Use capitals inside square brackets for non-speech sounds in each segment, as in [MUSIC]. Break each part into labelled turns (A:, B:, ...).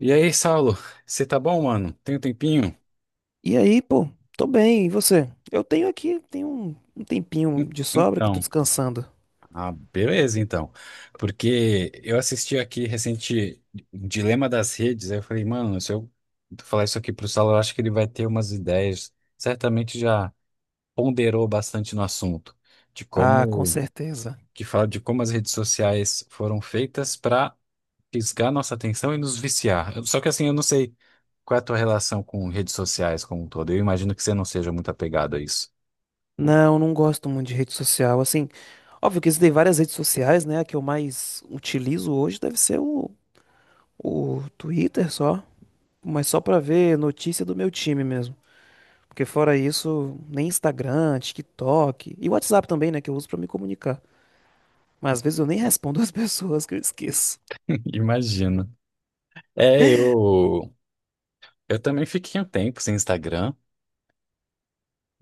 A: E aí, Saulo, você tá bom, mano? Tem um tempinho?
B: E aí, pô, tô bem, e você? Eu tenho aqui, tenho um tempinho
A: Hum,
B: de sobra que eu tô
A: Então,
B: descansando.
A: beleza, então. Porque eu assisti aqui recente um Dilema das Redes, aí eu falei, mano, se eu falar isso aqui pro Saulo, eu acho que ele vai ter umas ideias. Certamente já ponderou bastante no assunto, de
B: Ah, com
A: como,
B: certeza.
A: que fala de como as redes sociais foram feitas para fisgar nossa atenção e nos viciar. Só que assim, eu não sei qual é a tua relação com redes sociais como um todo. Eu imagino que você não seja muito apegado a isso.
B: Não, não gosto muito de rede social. Assim, óbvio que existem várias redes sociais, né? A que eu mais utilizo hoje deve ser o Twitter só, mas só pra ver notícia do meu time mesmo. Porque fora isso, nem Instagram, TikTok e WhatsApp também, né? Que eu uso pra me comunicar. Mas às vezes eu nem respondo [LAUGHS] as pessoas que eu esqueço.
A: Imagina. É, eu, eu também fiquei um tempo sem Instagram,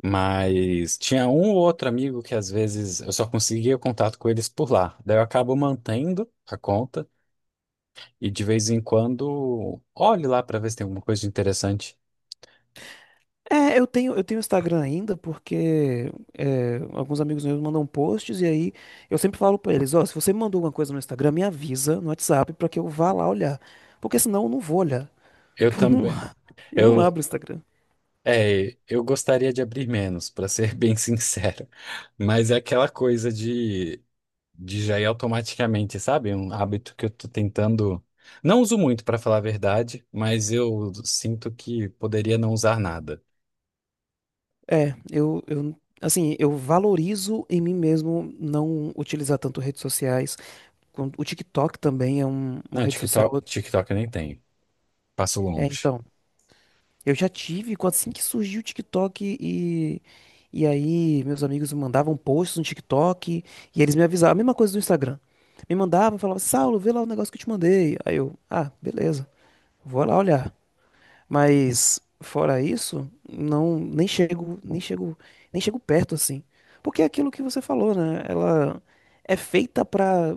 A: mas tinha um ou outro amigo que às vezes eu só conseguia contato com eles por lá. Daí eu acabo mantendo a conta e de vez em quando olho lá para ver se tem alguma coisa de interessante.
B: É, eu tenho Instagram ainda porque é, alguns amigos meus mandam posts e aí eu sempre falo pra eles, ó, se você me mandou alguma coisa no Instagram, me avisa no WhatsApp pra que eu vá lá olhar, porque senão eu não vou olhar, [LAUGHS]
A: Eu
B: porque eu não,
A: também,
B: [LAUGHS] eu não
A: eu,
B: abro o Instagram.
A: eu gostaria de abrir menos, para ser [LAUGHS] bem sincero, mas é aquela coisa de já ir automaticamente, sabe? É um hábito que eu tô tentando. Não uso muito, pra falar a verdade, mas eu sinto que poderia não usar nada.
B: É, eu, eu, assim, eu valorizo em mim mesmo não utilizar tanto redes sociais, o TikTok também é uma
A: Não,
B: rede social,
A: TikTok eu nem tenho. Passo
B: é,
A: longe.
B: então... Eu já tive, assim que surgiu o TikTok e. E aí, meus amigos me mandavam posts no TikTok e eles me avisavam, a mesma coisa do Instagram. Me mandavam, falavam, assim, Saulo, vê lá o negócio que eu te mandei. Aí eu, ah, beleza, vou lá olhar. Mas fora isso, não, nem chego perto assim. Porque é aquilo que você falou, né? Ela é feita pra,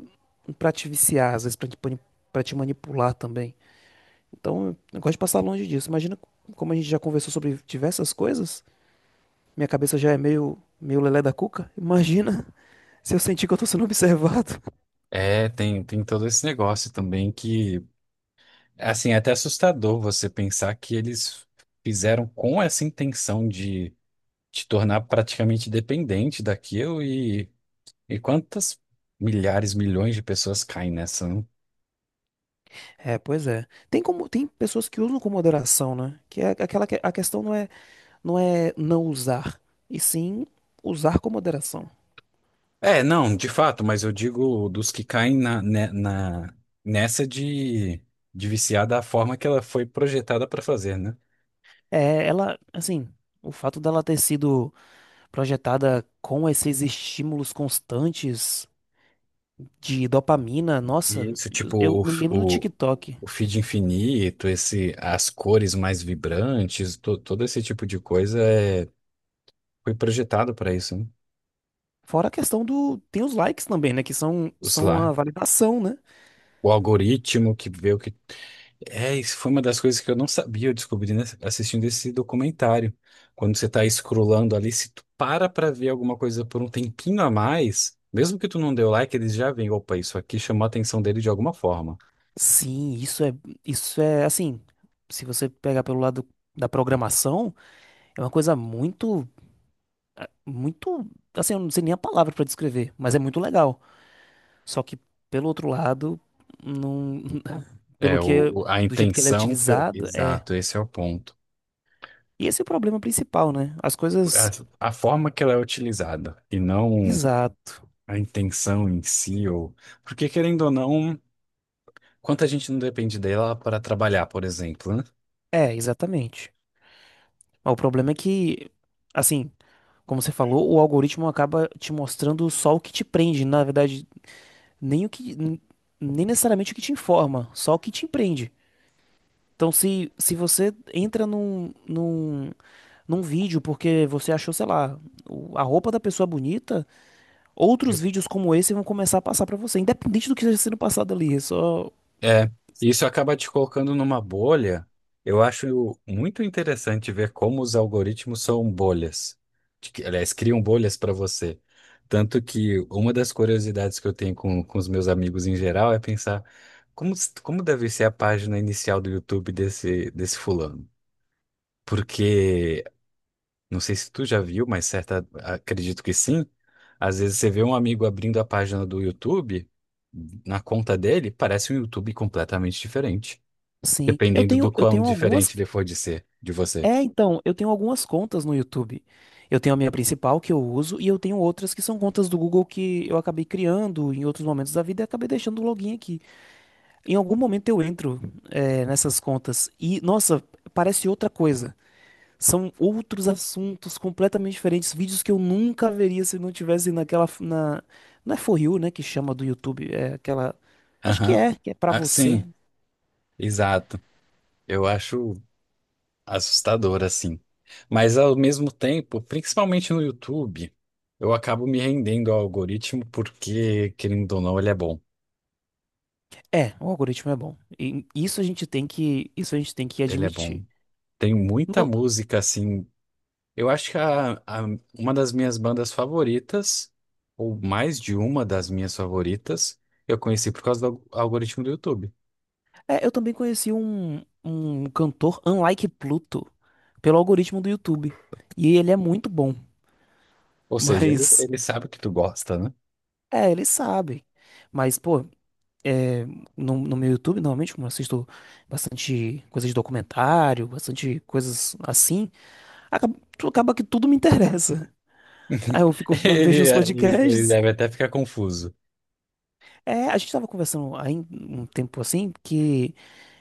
B: pra te viciar, às vezes pra te, pra te manipular também. Então, eu gosto de passar longe disso. Imagina como a gente já conversou sobre diversas coisas. Minha cabeça já é meio, meio lelé da cuca. Imagina [LAUGHS] se eu sentir que eu tô sendo observado. [LAUGHS]
A: É, tem todo esse negócio também que, assim, é até assustador você pensar que eles fizeram com essa intenção de te tornar praticamente dependente daquilo e quantas milhares, milhões de pessoas caem nessa, né?
B: É, pois é. Tem como, tem pessoas que usam com moderação, né? Que é aquela que a questão não é não usar, e sim usar com moderação.
A: É, não, de fato, mas eu digo dos que caem nessa de viciar da forma que ela foi projetada para fazer, né?
B: É, ela, assim, o fato dela ter sido projetada com esses estímulos constantes de dopamina,
A: E
B: nossa,
A: isso,
B: eu
A: tipo,
B: eu me lembro do TikTok.
A: o feed infinito, esse, as cores mais vibrantes, todo esse tipo de coisa foi projetado para isso, né?
B: Fora a questão do. Tem os likes também, né? Que são,
A: Os
B: são a
A: lá,
B: validação, né?
A: o algoritmo que vê o que é, isso foi uma das coisas que eu não sabia, eu descobri, né, assistindo esse documentário. Quando você tá scrollando ali, se tu para pra ver alguma coisa por um tempinho a mais, mesmo que tu não deu like, eles já veem, opa, isso aqui chamou a atenção dele de alguma forma.
B: Sim, isso é. Isso é assim. Se você pegar pelo lado da programação, é uma coisa muito. Muito. Assim, eu não sei nem a palavra pra descrever, mas é muito legal. Só que, pelo outro lado, não. [LAUGHS]
A: É,
B: Pelo que.
A: a
B: Do jeito que ele é
A: intenção,
B: utilizado, é.
A: exato, esse é o ponto.
B: E esse é o problema principal, né? As coisas.
A: A forma que ela é utilizada e não
B: Exato.
A: a intenção em si, ou... Porque querendo ou não, quanta gente não depende dela para trabalhar, por exemplo, né?
B: É, exatamente. Mas o problema é que. Assim, como você falou, o algoritmo acaba te mostrando só o que te prende, na verdade, nem o que, n- nem necessariamente o que te informa, só o que te prende. Então, se você entra num vídeo porque você achou, sei lá, a roupa da pessoa bonita, outros vídeos como esse vão começar a passar pra você, independente do que esteja sendo passado ali. É só.
A: É, isso acaba te colocando numa bolha. Eu acho muito interessante ver como os algoritmos são bolhas. Aliás, criam bolhas para você. Tanto que uma das curiosidades que eu tenho com os meus amigos em geral é pensar como deve ser a página inicial do YouTube desse fulano. Porque, não sei se tu já viu, mas certa, acredito que sim. Às vezes você vê um amigo abrindo a página do YouTube, na conta dele, parece um YouTube completamente diferente.
B: Sim.
A: Dependendo do
B: Eu
A: quão
B: tenho algumas
A: diferente ele for de ser, de você.
B: É, então, eu tenho algumas contas no YouTube. Eu tenho a minha principal que eu uso e eu tenho outras que são contas do Google que eu acabei criando em outros momentos da vida e acabei deixando o login aqui. Em algum momento eu entro, é, nessas contas e, nossa, parece outra coisa. São outros assuntos completamente diferentes, vídeos que eu nunca veria se não tivesse naquela, na, não é For You, né, que chama do YouTube, é aquela, acho
A: Aham.
B: que é pra
A: Ah,
B: você.
A: sim, exato. Eu acho assustador, assim. Mas ao mesmo tempo, principalmente no YouTube, eu acabo me rendendo ao algoritmo porque, querendo ou não, ele é bom.
B: É, o algoritmo é bom. E isso a gente tem que, isso a gente tem que
A: Ele é bom.
B: admitir.
A: Tem muita música, assim. Eu acho que uma das minhas bandas favoritas, ou mais de uma das minhas favoritas, eu conheci por causa do algoritmo do YouTube.
B: É, eu também conheci um cantor, Unlike Pluto, pelo algoritmo do YouTube. E ele é muito bom.
A: Ou
B: [LAUGHS]
A: seja,
B: Mas,
A: ele sabe que tu gosta, né?
B: é, ele sabe. Mas, pô, é, no meu YouTube, normalmente, como eu assisto bastante coisas de documentário, bastante coisas assim, acaba, acaba que tudo me interessa. [LAUGHS] Aí eu
A: [LAUGHS]
B: fico, eu vejo uns
A: Ele
B: podcasts.
A: deve até ficar confuso. [LAUGHS]
B: É, a gente tava conversando aí um tempo assim que.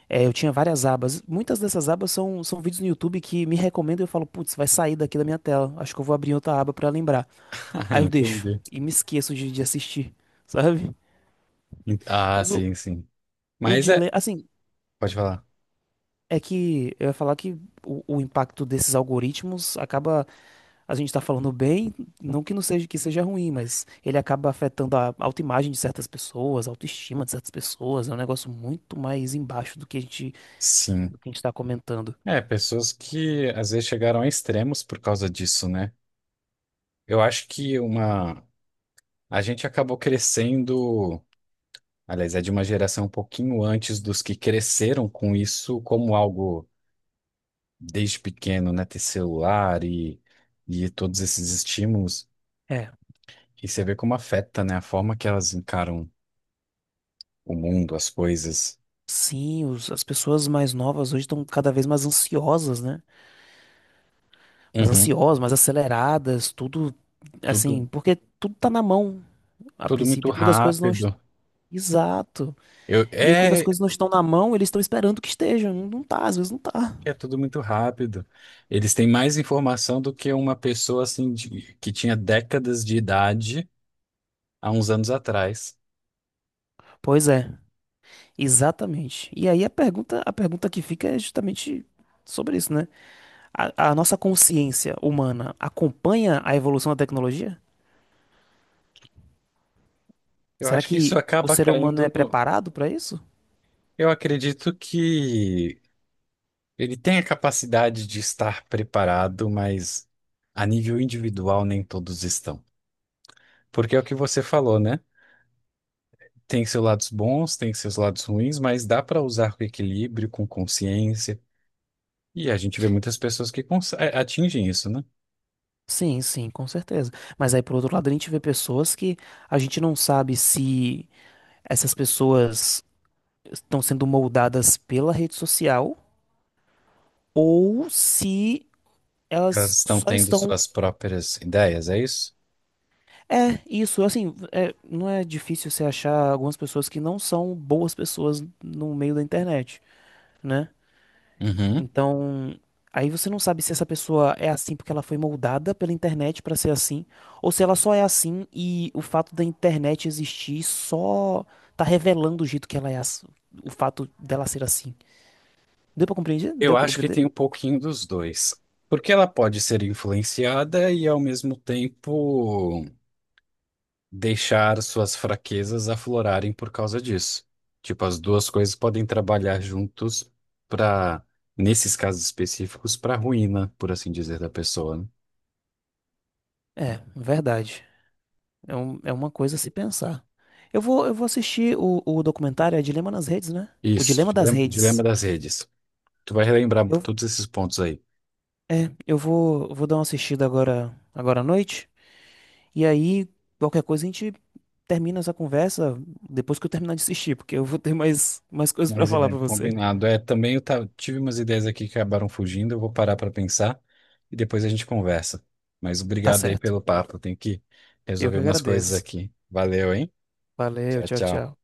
B: É, eu tinha várias abas. Muitas dessas abas são vídeos no YouTube que me recomendam e eu falo, putz, vai sair daqui da minha tela. Acho que eu vou abrir outra aba pra lembrar.
A: Ah,
B: Aí eu deixo
A: entendi.
B: e me esqueço de assistir, sabe?
A: Ah,
B: Mas o,
A: sim, sim.
B: o
A: Mas é.
B: dilema, assim,
A: Pode falar.
B: é que eu ia falar que o impacto desses algoritmos acaba. A gente tá falando bem, não que não seja que seja ruim, mas ele acaba afetando a autoimagem de certas pessoas, a autoestima de certas pessoas. É um negócio muito mais embaixo do que
A: Sim.
B: do que a gente tá comentando.
A: É, pessoas que às vezes chegaram a extremos por causa disso, né? Eu acho que uma. A gente acabou crescendo. Aliás, é de uma geração um pouquinho antes dos que cresceram com isso como algo desde pequeno, né? Ter celular e todos esses estímulos.
B: É,
A: E você vê como afeta, né? A forma que elas encaram o mundo, as coisas.
B: sim, as pessoas mais novas hoje estão cada vez mais ansiosas, né? Mais
A: Uhum.
B: ansiosas, mais aceleradas, tudo
A: Tudo,
B: assim, porque tudo tá na mão a
A: tudo muito
B: princípio. Quando as coisas não. Est-.
A: rápido.
B: Exato.
A: Eu,
B: E aí, quando as
A: é,
B: coisas não estão na mão, eles estão esperando que estejam. Não tá, às vezes não tá.
A: é tudo muito rápido. Eles têm mais informação do que uma pessoa que tinha décadas de idade há uns anos atrás.
B: Pois é. Exatamente. E aí a pergunta que fica é justamente sobre isso, né? A nossa consciência humana acompanha a evolução da tecnologia?
A: Eu
B: Será
A: acho que
B: que
A: isso
B: o
A: acaba
B: ser humano
A: caindo
B: é
A: no.
B: preparado para isso?
A: Eu acredito que ele tem a capacidade de estar preparado, mas a nível individual nem todos estão. Porque é o que você falou, né? Tem seus lados bons, tem seus lados ruins, mas dá para usar com equilíbrio, com consciência. E a gente vê muitas pessoas que atingem isso, né?
B: Sim, sim, com certeza. Mas aí, por outro lado, a gente vê pessoas que a gente não sabe se essas pessoas estão sendo moldadas pela rede social ou se
A: Elas
B: elas
A: estão
B: só
A: tendo
B: estão.
A: suas próprias ideias, é isso?
B: É, isso, assim, é, não é difícil você achar algumas pessoas que não são boas pessoas no meio da internet, né?
A: Uhum.
B: Então, aí você não sabe se essa pessoa é assim porque ela foi moldada pela internet pra ser assim, ou se ela só é assim e o fato da internet existir só tá revelando o jeito que ela é, o fato dela ser assim. Deu pra compreender?
A: Eu
B: Deu pra
A: acho que
B: compreender?
A: tem um pouquinho dos dois. Porque ela pode ser influenciada e, ao mesmo tempo, deixar suas fraquezas aflorarem por causa disso. Tipo, as duas coisas podem trabalhar juntos para, nesses casos específicos, para ruína, por assim dizer, da pessoa, né?
B: É, verdade. É uma coisa a se pensar. Eu vou assistir o documentário, é Dilema nas Redes, né? O
A: Isso,
B: Dilema das
A: dilema
B: Redes.
A: das redes. Tu vai relembrar
B: Eu,
A: todos esses pontos aí.
B: eu vou, vou dar uma assistida agora, agora à noite. E aí, qualquer coisa, a gente termina essa conversa depois que eu terminar de assistir, porque eu vou ter mais, mais coisas pra
A: Mas é,
B: falar pra você.
A: combinado. É, também tive umas ideias aqui que acabaram fugindo, eu vou parar para pensar e depois a gente conversa. Mas
B: Tá
A: obrigado aí
B: certo.
A: pelo papo, eu tenho que
B: Eu
A: resolver
B: que
A: umas coisas
B: agradeço.
A: aqui. Valeu, hein?
B: Valeu,
A: Tchau,
B: tchau,
A: tchau.
B: tchau.